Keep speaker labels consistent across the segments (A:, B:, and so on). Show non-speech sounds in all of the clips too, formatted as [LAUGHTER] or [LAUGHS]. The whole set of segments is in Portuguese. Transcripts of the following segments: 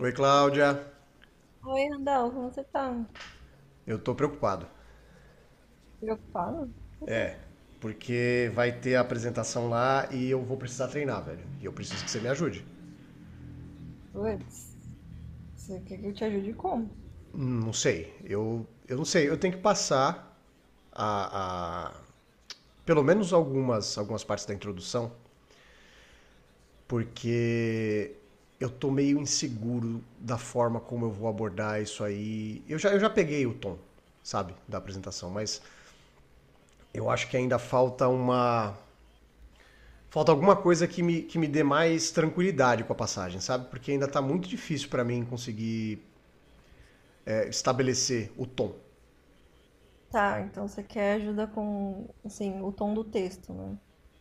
A: Oi, Cláudia.
B: Oi, Randall, como você tá?
A: Eu tô preocupado.
B: Preocupado? Por quê?
A: É, porque vai ter a apresentação lá e eu vou precisar treinar, velho. E eu preciso que você me ajude.
B: Putz, você quer que eu te ajude como?
A: Não sei. Eu não sei. Eu tenho que passar a, a- pelo menos algumas partes da introdução, porque eu tô meio inseguro da forma como eu vou abordar isso aí. Eu já peguei o tom, sabe, da apresentação, mas eu acho que ainda falta alguma coisa que me dê mais tranquilidade com a passagem, sabe? Porque ainda tá muito difícil para mim conseguir estabelecer o tom.
B: Tá, então você quer ajuda com, assim, o tom do texto, né?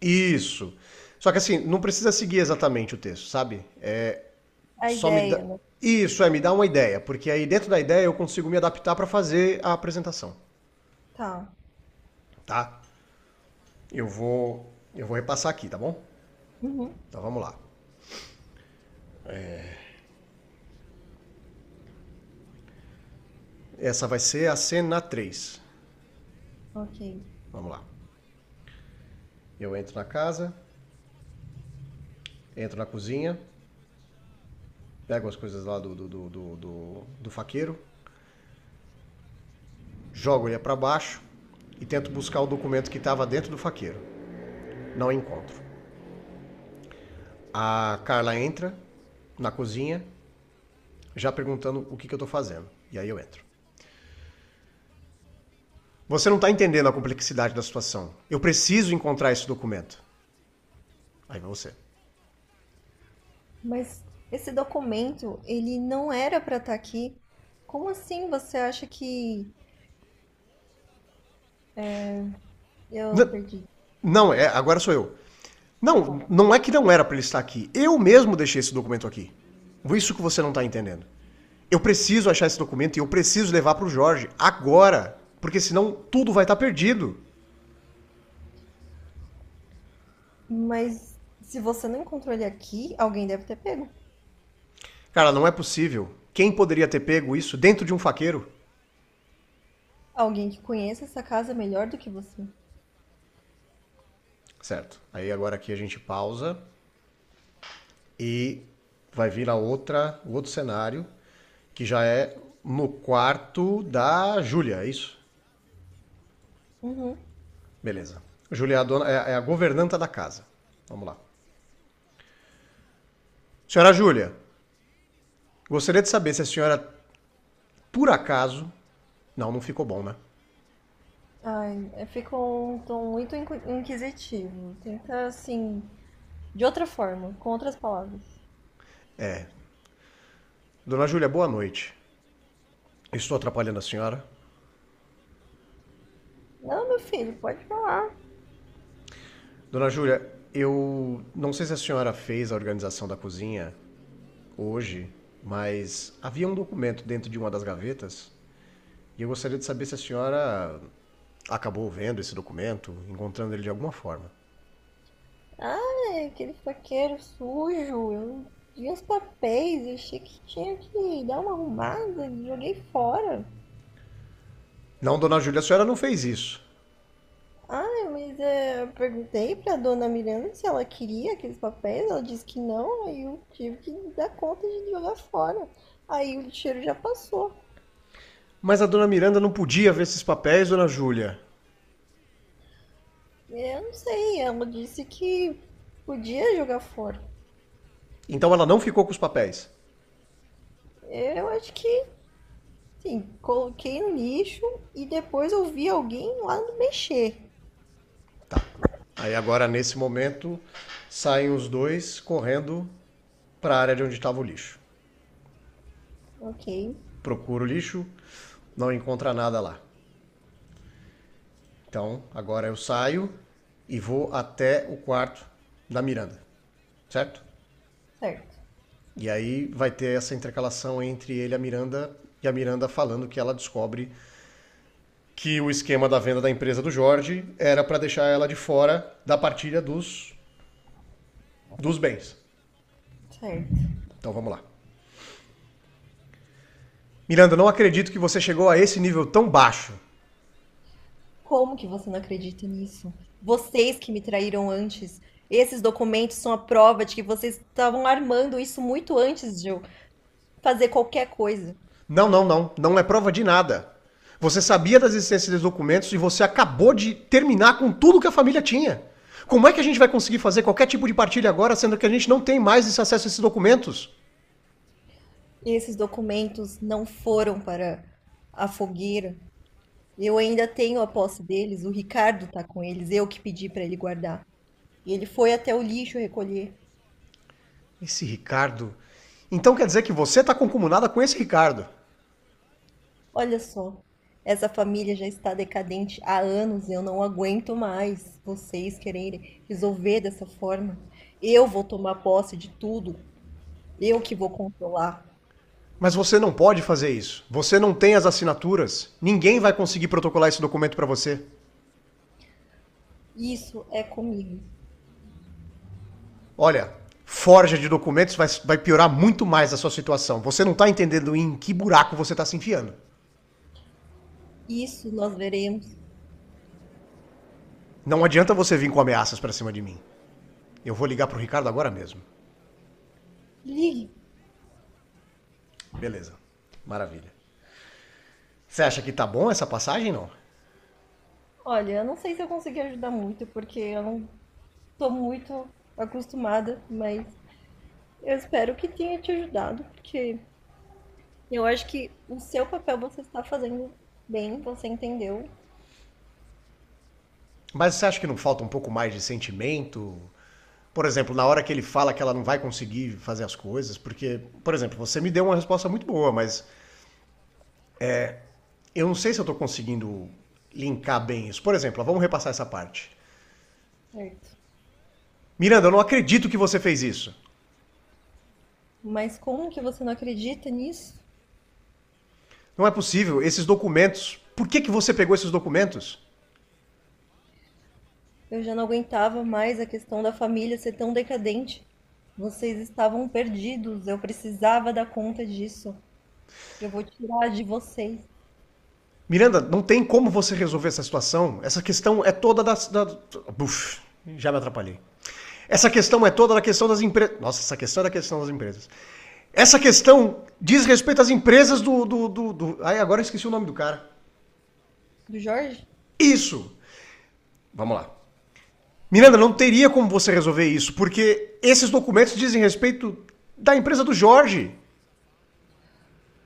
A: Isso. Só que assim, não precisa seguir exatamente o texto, sabe?
B: A
A: Só me dá.
B: ideia, né?
A: Isso, é, me dá uma ideia, porque aí dentro da ideia eu consigo me adaptar para fazer a apresentação,
B: Tá.
A: tá? Eu vou repassar aqui, tá bom?
B: Uhum.
A: Então vamos lá. Essa vai ser a cena três.
B: Ok.
A: Vamos lá. Eu entro na casa, entro na cozinha, pego as coisas lá do faqueiro, jogo ele para baixo e tento buscar o documento que estava dentro do faqueiro. Não encontro. A Carla entra na cozinha, já perguntando que eu estou fazendo. E aí eu entro. Você não está entendendo a complexidade da situação. Eu preciso encontrar esse documento. Aí vai você.
B: Mas esse documento, ele não era pra estar aqui. Como assim você acha que eu
A: Não,
B: perdi?
A: não, é, agora sou eu.
B: Tá.
A: Não, não é que não era para ele estar aqui. Eu mesmo deixei esse documento aqui. Isso que você não está entendendo. Eu preciso achar esse documento e eu preciso levar para o Jorge agora, porque senão tudo vai estar tá perdido.
B: Mas se você não encontrou ele aqui, alguém deve ter pego.
A: Cara, não é possível. Quem poderia ter pego isso dentro de um faqueiro?
B: Alguém que conheça essa casa melhor do que você.
A: Certo. Aí agora aqui a gente pausa e vai vir o outro cenário, que já é no quarto da Júlia, é isso?
B: Uhum.
A: Beleza. Júlia é é a governanta da casa. Vamos lá. Senhora Júlia, gostaria de saber se a senhora, por acaso. Não, não ficou bom, né?
B: Ai, eu fico um tom muito inquisitivo. Tenta, assim, de outra forma, com outras palavras.
A: Dona Júlia, boa noite. Estou atrapalhando a senhora?
B: Não, meu filho, pode falar.
A: Dona Júlia, eu não sei se a senhora fez a organização da cozinha hoje, mas havia um documento dentro de uma das gavetas e eu gostaria de saber se a senhora acabou vendo esse documento, encontrando ele de alguma forma.
B: Ai, aquele faqueiro sujo. Eu vi uns papéis, eu achei que tinha que dar uma arrumada, joguei fora.
A: Não, dona Júlia, a senhora não fez isso.
B: Ai, mas é, eu perguntei pra dona Miranda se ela queria aqueles papéis, ela disse que não, aí eu tive que dar conta de jogar fora. Aí o cheiro já passou.
A: Mas a dona Miranda não podia ver esses papéis, dona Júlia.
B: Eu não sei, ela disse que podia jogar fora.
A: Então ela não ficou com os papéis.
B: Eu acho que, sim, coloquei no lixo e depois eu vi alguém lá mexer.
A: Tá. Aí agora, nesse momento, saem os dois correndo para a área de onde estava o lixo.
B: Ok,
A: Procuro o lixo, não encontra nada lá. Então agora eu saio e vou até o quarto da Miranda, certo?
B: certo,
A: E aí vai ter essa intercalação entre ele e a Miranda falando que ela descobre que o esquema da venda da empresa do Jorge era para deixar ela de fora da partilha dos bens.
B: certo.
A: Então vamos lá. Miranda, não acredito que você chegou a esse nível tão baixo.
B: Como que você não acredita nisso? Vocês que me traíram antes. Esses documentos são a prova de que vocês estavam armando isso muito antes de eu fazer qualquer coisa.
A: Não, não, não. Não é prova de nada. Você sabia da existência dos documentos e você acabou de terminar com tudo que a família tinha. Como é que a gente vai conseguir fazer qualquer tipo de partilha agora, sendo que a gente não tem mais esse acesso a esses documentos?
B: Esses documentos não foram para a fogueira. Eu ainda tenho a posse deles, o Ricardo tá com eles, eu que pedi pra ele guardar. E ele foi até o lixo recolher.
A: Esse Ricardo. Então quer dizer que você está concomunada com esse Ricardo.
B: Olha só, essa família já está decadente há anos, eu não aguento mais vocês quererem resolver dessa forma. Eu vou tomar posse de tudo, eu que vou controlar.
A: Mas você não pode fazer isso. Você não tem as assinaturas. Ninguém vai conseguir protocolar esse documento para você.
B: Isso é comigo.
A: Olha, forja de documentos vai piorar muito mais a sua situação. Você não está entendendo em que buraco você está se enfiando.
B: Isso nós veremos.
A: Não adianta você vir com ameaças para cima de mim. Eu vou ligar pro Ricardo agora mesmo.
B: Ligue.
A: Beleza. Maravilha. Você acha que tá bom essa passagem, não?
B: Olha, eu não sei se eu consegui ajudar muito, porque eu não tô muito acostumada, mas eu espero que tenha te ajudado, porque eu acho que o seu papel você está fazendo bem, você entendeu,
A: Mas você acha que não falta um pouco mais de sentimento? Por exemplo, na hora que ele fala que ela não vai conseguir fazer as coisas, porque, por exemplo, você me deu uma resposta muito boa, mas eu não sei se eu estou conseguindo linkar bem isso. Por exemplo, ó, vamos repassar essa parte.
B: certo?
A: Miranda, eu não acredito que você fez isso.
B: Mas como que você não acredita nisso?
A: Não é possível, esses documentos. Que você pegou esses documentos?
B: Eu já não aguentava mais a questão da família ser tão decadente. Vocês estavam perdidos, eu precisava dar conta disso. Eu vou tirar de vocês.
A: Miranda, não tem como você resolver essa situação. Essa questão é toda da. Da... Buf, já me atrapalhei. Essa questão é toda da questão das empresas. Nossa, essa questão é da questão das empresas. Essa questão diz respeito às empresas Ai, agora eu esqueci o nome do cara.
B: Do Jorge?
A: Isso! Vamos lá. Miranda, não
B: Certo.
A: teria como você resolver isso, porque esses documentos dizem respeito da empresa do Jorge.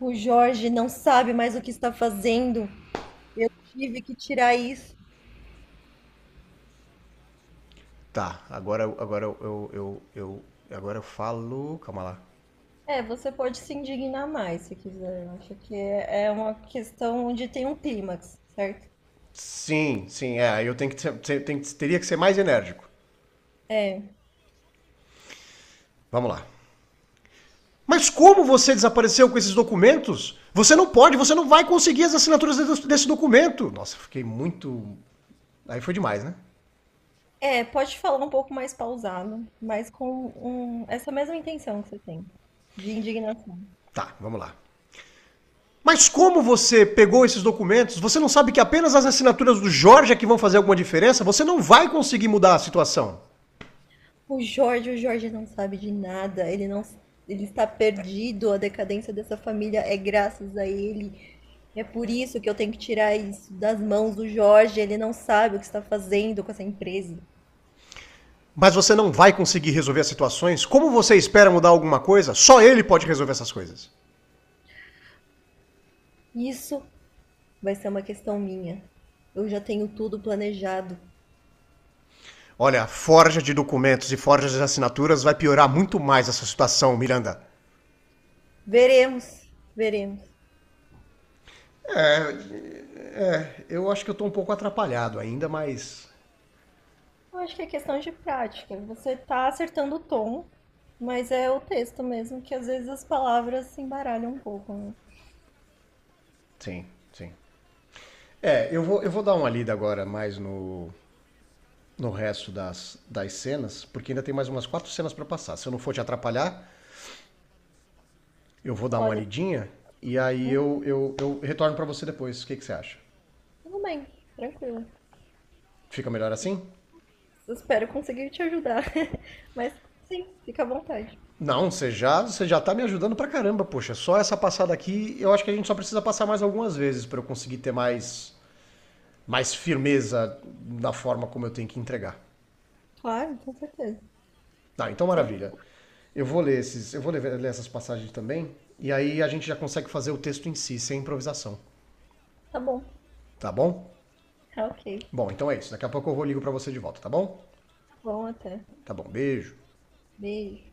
B: O Jorge não sabe mais o que está fazendo. Eu tive que tirar isso.
A: Tá, agora agora eu falo. Calma lá.
B: É, você pode se indignar mais se quiser. Eu acho que é uma questão onde tem um clímax, certo?
A: Sim, sim, é. Aí Eu tenho que ser- tenho teria que ser mais enérgico.
B: É.
A: Vamos lá. Mas como você desapareceu com esses documentos? Você não vai conseguir as assinaturas desse documento. Nossa, fiquei muito. Aí foi demais, né?
B: É, pode falar um pouco mais pausado, mas essa mesma intenção que você tem, de indignação.
A: Tá, vamos lá. Mas como você pegou esses documentos? Você não sabe que apenas as assinaturas do Jorge é que vão fazer alguma diferença? Você não vai conseguir mudar a situação.
B: O Jorge não sabe de nada, ele não, ele está perdido, a decadência dessa família é graças a ele. É por isso que eu tenho que tirar isso das mãos do Jorge, ele não sabe o que está fazendo com essa empresa.
A: Mas você não vai conseguir resolver as situações? Como você espera mudar alguma coisa? Só ele pode resolver essas coisas.
B: Isso vai ser uma questão minha. Eu já tenho tudo planejado.
A: Olha, a forja de documentos e forja de assinaturas vai piorar muito mais essa situação, Miranda.
B: Veremos, veremos.
A: Eu acho que eu tô um pouco atrapalhado ainda, mas.
B: Eu acho que é questão de prática. Você tá acertando o tom, mas é o texto mesmo que às vezes as palavras se embaralham um pouco, né?
A: Sim, sim. É, eu vou dar uma lida agora mais no. No resto das cenas, porque ainda tem mais umas quatro cenas para passar. Se eu não for te atrapalhar, eu vou dar uma
B: Olha,
A: lidinha e aí
B: hum,
A: eu retorno para você depois. Que você acha?
B: tudo bem, tranquilo.
A: Fica melhor assim?
B: Eu espero conseguir te ajudar. [LAUGHS] Mas sim, fica à vontade.
A: Não, você já tá me ajudando pra caramba, poxa. Só essa passada aqui, eu acho que a gente só precisa passar mais algumas vezes para eu conseguir ter mais, mais firmeza na forma como eu tenho que entregar.
B: Claro, com certeza.
A: Tá, então
B: Sempre
A: maravilha. Eu vou ler, ler essas passagens também, e aí a gente já consegue fazer o texto em si, sem improvisação,
B: tá bom.
A: tá bom?
B: Tá, ok.
A: Bom, então é isso. Daqui a pouco eu vou ligo para você de volta, tá bom?
B: Tá bom até.
A: Tá bom, beijo.
B: Beijo.